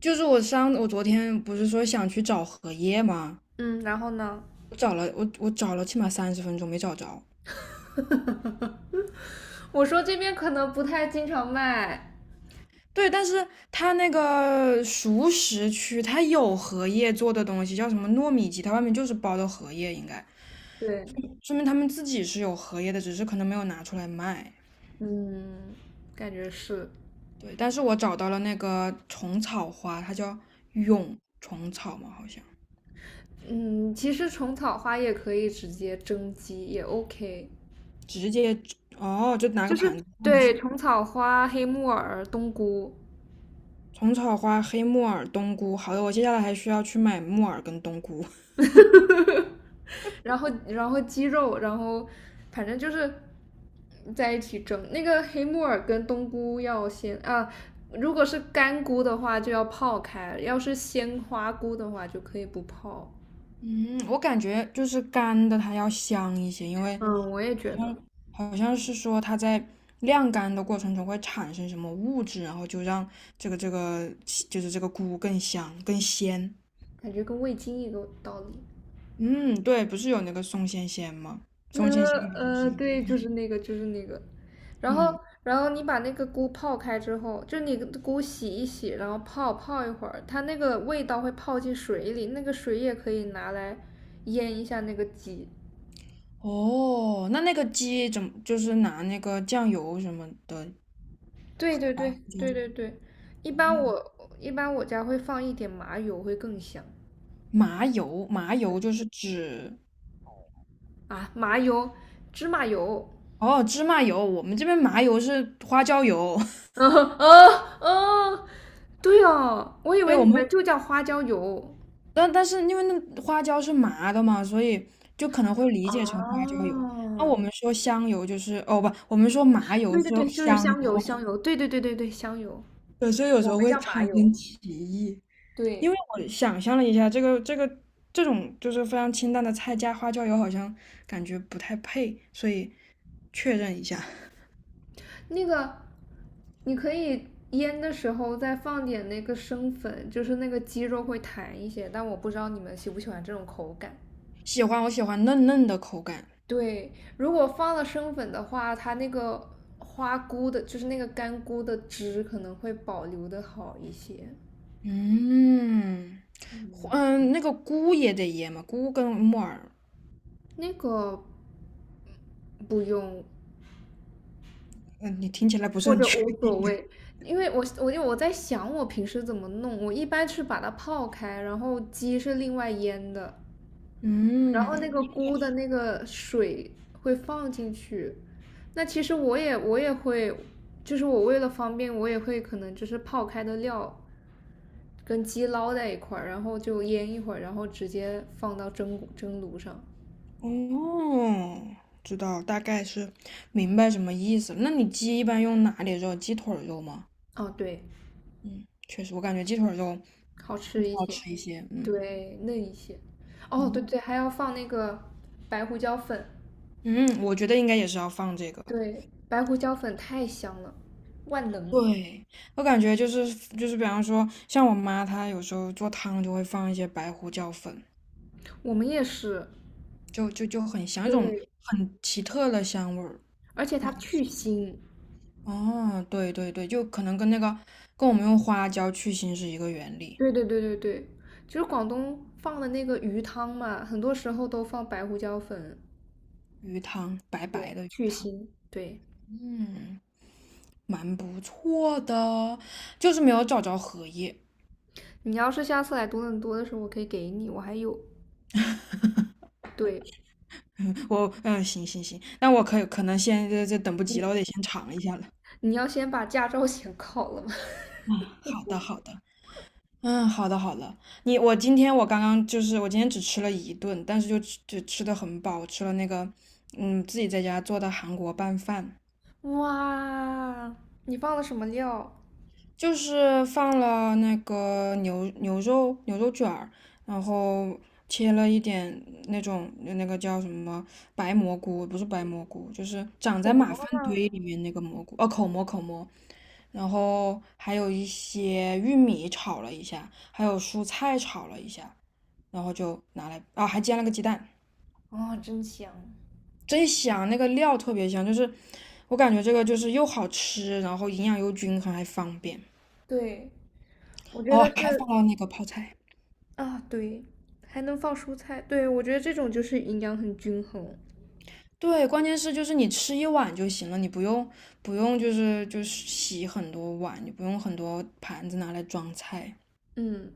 就是我昨天不是说想去找荷叶吗？嗯，然后呢？我找了起码30分钟没找着。我说这边可能不太经常卖。对，但是它那个熟食区它有荷叶做的东西，叫什么糯米鸡，它外面就是包的荷叶，应该对，说明他们自己是有荷叶的，只是可能没有拿出来卖。嗯，感觉是。对，但是我找到了那个虫草花，它叫蛹虫草嘛，好像嗯，其实虫草花也可以直接蒸鸡，也 OK。直接哦，就拿就个盘是子放就对行。虫草花、黑木耳、冬菇，虫草花、黑木耳、冬菇，好的，我接下来还需要去买木耳跟冬菇。然后鸡肉，然后反正就是在一起蒸。那个黑木耳跟冬菇要先啊，如果是干菇的话就要泡开，要是鲜花菇的话就可以不泡。嗯，我感觉就是干的它要香一些，因为嗯，我也觉好得，像好像是说它在晾干的过程中会产生什么物质，然后就让这个这个就是这个菇更香更鲜。感觉跟味精一个道理。嗯，对，不是有那个松鲜鲜吗？呃松鲜鲜好像是那对，就个是那个，就是那个。然嗯，后，然后你把那个菇泡开之后，就你菇洗一洗，然后泡一会儿，它那个味道会泡进水里，那个水也可以拿来腌一下那个鸡。哦，那个鸡怎么就是拿那个酱油什么的？对对对对对对，一般哦我一般我家会放一点麻油，会更香。麻油，麻油嗯就是指啊，麻油，芝麻油。哦，芝麻油，我们这边麻油是花椒油，啊啊！对哦，我以对为我你们，们就叫花椒油。但是因为那花椒是麻的嘛，所以就可能会理解成花椒油。那我哦，们说香油就是哦不，我们说麻油对是对对，就是香油，香油，香油，对对对对对，香油。对，所以有时候会还产有，生歧义。因对，为我想象了一下，这种就是非常清淡的菜加花椒油，好像感觉不太配，所以确认一下，那个你可以腌的时候再放点那个生粉，就是那个鸡肉会弹一些，但我不知道你们喜不喜欢这种口感。我喜欢嫩嫩的口感。对，如果放了生粉的话，它那个花菇的，就是那个干菇的汁可能会保留的好一些。嗯，嗯，那个菇也得腌嘛，菇跟木耳，那个不用，嗯，你听起来不是或很者全。无所谓，因为我在想我平时怎么弄，我一般是把它泡开，然后鸡是另外腌的，然后那嗯，个菇的那个水会放进去。那其实我也会，就是我为了方便，我也会可能就是泡开的料跟鸡捞在一块儿，然后就腌一会儿，然后直接放到蒸炉上。哦，知道，大概是明白什么意思了。那你鸡一般用哪里肉？鸡腿儿肉吗？哦，对，嗯，确实，我感觉鸡腿儿肉好吃一好些，吃一些。嗯对，嫩一些。哦，对嗯对，还要放那个白胡椒粉。嗯，我觉得应该也是要放这个。对，白胡椒粉太香了，万能。对，我感觉就是就是，比方说，像我妈她有时候做汤就会放一些白胡椒粉，我们也是。就很香，一种对，很奇特的香味儿。而且哇，它去腥。哦，对对对，就可能跟那个跟我们用花椒去腥是一个原理。对对对对对，就是广东放的那个鱼汤嘛，很多时候都放白胡椒粉鱼汤，白白的鱼去汤，腥。对，嗯，蛮不错的，就是没有找着荷叶。你要是下次来多伦多的时候，我可以给你，我还有。对，嗯，行行行，那我可能先这等不你及了，我得先尝一下了。你要先把驾照 先考了吗？嗯，好的好的。嗯，好的好的。你我今天我刚刚就是我今天只吃了一顿，但是就吃的很饱，我吃了那个自己在家做的韩国拌饭。哇，你放了什么料？就是放了那个牛肉卷儿，然后切了一点那种那个叫什么白蘑菇，不是白蘑菇，就是长口在马蘑。粪堆里面那个蘑菇，哦，口蘑，然后还有一些玉米炒了一下，还有蔬菜炒了一下，然后就拿来，啊，还煎了个鸡蛋，哦，真香！真香，那个料特别香，就是我感觉这个就是又好吃，然后营养又均衡，还方便，对，我觉哦，得还是放了那个泡菜。啊，对，还能放蔬菜，对，我觉得这种就是营养很均衡。对，关键是就是你吃一碗就行了，你不用就是洗很多碗，你不用很多盘子拿来装菜，嗯，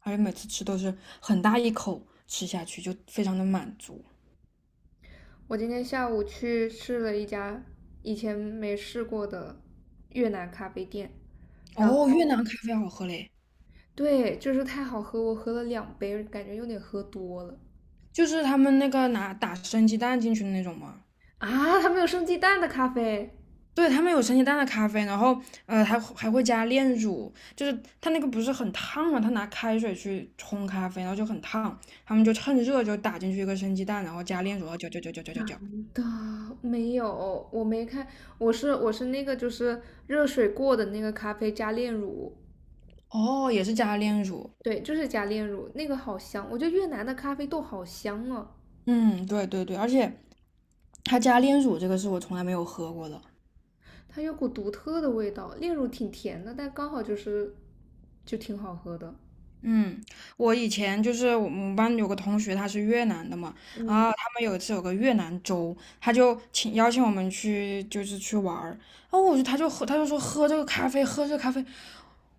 而且每次吃都是很大一口吃下去，就非常的满足。我今天下午去试了一家以前没试过的越南咖啡店，然后哦，越南咖啡好喝嘞，对，就是太好喝，我喝了两杯，感觉有点喝多了就是他们那个拿打生鸡蛋进去的那种嘛。啊！它没有生鸡蛋的咖啡对，他们有生鸡蛋的咖啡，然后还会加炼乳，就是它那个不是很烫嘛，他拿开水去冲咖啡，然后就很烫，他们就趁热就打进去一个生鸡蛋，然后加炼乳，然后搅搅搅搅搅搅搅。的，没有，我没看，我是那个就是热水过的那个咖啡加炼乳，哦，也是加炼乳。对，就是加炼乳，那个好香，我觉得越南的咖啡豆好香啊。嗯，对对对，而且他加炼乳这个是我从来没有喝过的。它有股独特的味道，炼乳挺甜的，但刚好就是就挺好喝的。嗯，我以前就是我们班有个同学，他是越南的嘛，然后嗯他们有一次有个越南粥，他就请邀请我们去，就是去玩儿。然后我就他就喝，他就说喝这个咖啡，喝这个咖啡。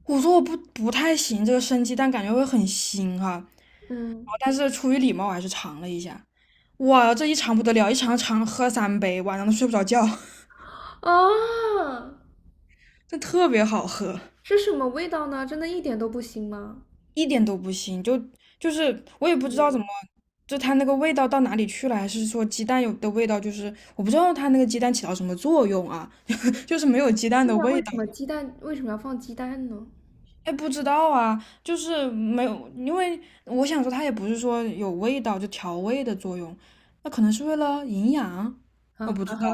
我说我不太行，这个生鸡蛋感觉会很腥哈、然嗯，后但是出于礼貌，我还是尝了一下。哇，这一尝不得了，一尝尝喝三杯，晚上都睡不着觉，啊，这特别好喝。是什么味道呢？真的一点都不腥吗？一点都不腥，就就是我也不知道怎么，就它那个味道到哪里去了，还是说鸡蛋有的味道，就是我不知道它那个鸡蛋起到什么作用啊，就是没有鸡蛋对的呀，为味什道，么鸡蛋为什么要放鸡蛋呢？哎，不知道啊，就是没有，因为我想说它也不是说有味道就调味的作用，那可能是为了营养，啊，我不知啊道，哈，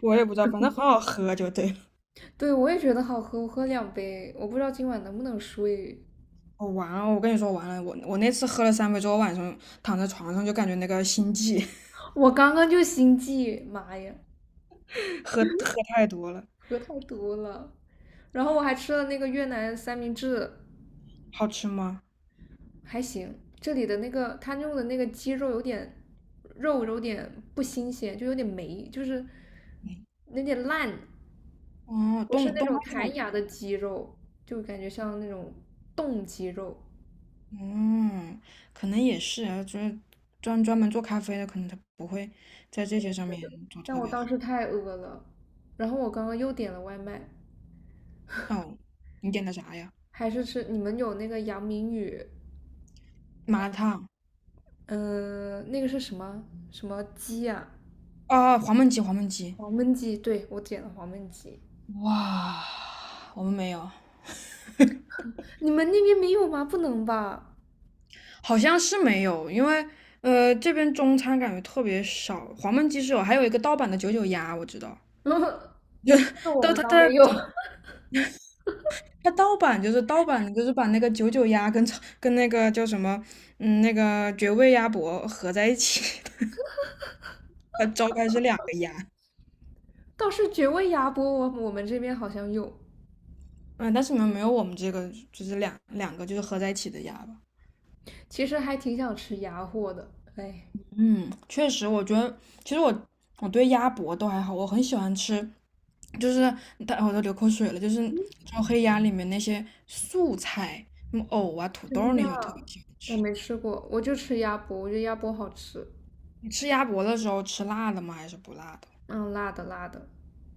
我也不知道，反正很好喝就对了。对，我也觉得好喝，我喝两杯，我不知道今晚能不能睡。我完了，我跟你说完了，我那次喝了三杯之后，晚上躺在床上就感觉那个心悸，我刚刚就心悸，妈呀，喝太多了。喝太多了，然后我还吃了那个越南三明治，好吃吗？还行。这里的那个他用的那个鸡肉有点肉有点不新鲜，就有点霉，就是有点烂，哦，不是冻那东种北弹酒，牙的鸡肉，就感觉像那种冻鸡肉。嗯，可能也是啊，就是专门做咖啡的，可能他不会在这些上面做但特我别当好。时太饿了，然后我刚刚又点了外卖，哦，你点的啥呀？还是吃你们有那个杨明宇，麻辣烫那个是什么什么鸡啊？啊，黄焖鸡，黄焖鸡。黄焖鸡，对，我点了黄焖鸡。哇，我们没有，你们那边没有吗？不能吧？好像是没有，因为这边中餐感觉特别少，黄焖鸡是有，还有一个盗版的九九鸭，我知道，那个我但们它倒没有。它它盗版就是盗版的，就是把那个九九鸭跟那个叫什么，嗯，那个绝味鸭脖合在一起 它招牌是两个鸭，倒是绝味鸭脖，我们这边好像有，嗯，但是你们没有我们这个就是两个就是合在一起的鸭吧？其实还挺想吃鸭货的，哎，嗯，确实，我觉得其实我对鸭脖都还好，我很喜欢吃，就是但我都流口水了，就是招黑鸭里面那些素菜，什么藕啊、土豆真的，那些，我特别喜欢我吃。没吃过，我就吃鸭脖，我觉得鸭脖好吃，你吃鸭脖的时候吃辣的吗？还是不辣的？嗯，辣的辣的，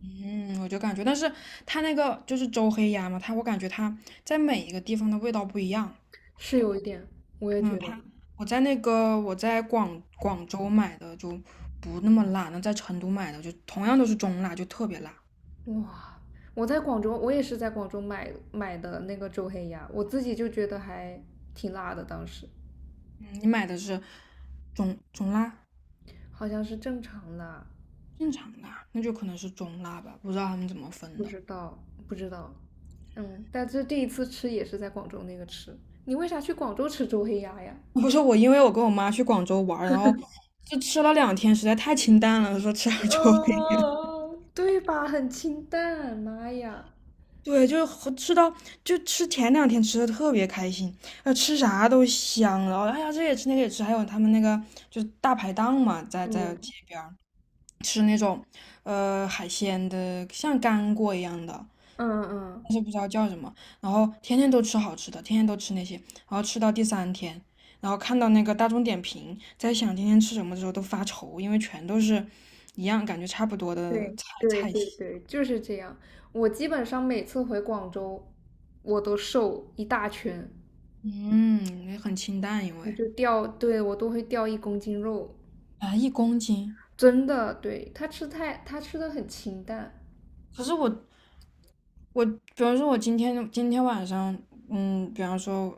嗯，我就感觉，但是它那个就是周黑鸭嘛，它我感觉它在每一个地方的味道不一样。是有一点，我也嗯，觉得，我在广州买的就不那么辣，那在成都买的就同样都是中辣，就特别辣。哇，我在广州，我也是在广州买的那个周黑鸭，我自己就觉得还挺辣的，当时嗯，你买的是中辣、好像是正常辣，正常辣，那就可能是中辣吧，不知道他们怎么不分的。知道不知道，嗯，但是第一次吃也是在广州那个吃，你为啥去广州吃周黑鸭呀？不是我，因为我跟我妈去广州玩儿然后就吃了两天，实在太清淡了，说吃点周黑嗯，对吧？很清淡，妈呀！对，就是和吃到就吃前两天吃的特别开心，吃啥都香了。哎呀，这也吃那个也吃，还有他们那个就是大排档嘛，在街嗯，边儿吃那种海鲜的，像干锅一样的，嗯嗯，但是不知道叫什么。然后天天都吃好吃的，天天都吃那些，然后吃到第三天，然后看到那个大众点评，在想今天吃什么的时候都发愁，因为全都是一样，感觉差不多的对，菜对菜对系。对，就是这样。我基本上每次回广州，我都瘦一大圈，嗯，也很清淡，因我为。就掉，对，我都会掉一公斤肉，啊，一公斤。真的。对，他吃太，他吃的很清淡。可是我，比方说，我今天晚上，嗯，比方说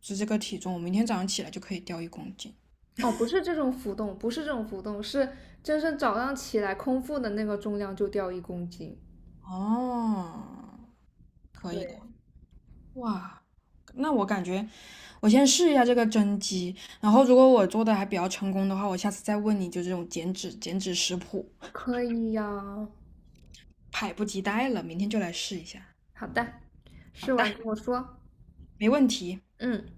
是这个体重，我明天早上起来就可以掉一公斤。哦，不是这种浮动，不是这种浮动，是真正早上起来空腹的那个重量就掉一公斤。哦，可以的。对，哇，那我感觉我先试一下这个蒸鸡，然后如果我做的还比较成功的话，我下次再问你就这种减脂食谱，可以呀，迫不及待了，明天就来试一下。好的，好试的，完跟我说。没问题。嗯。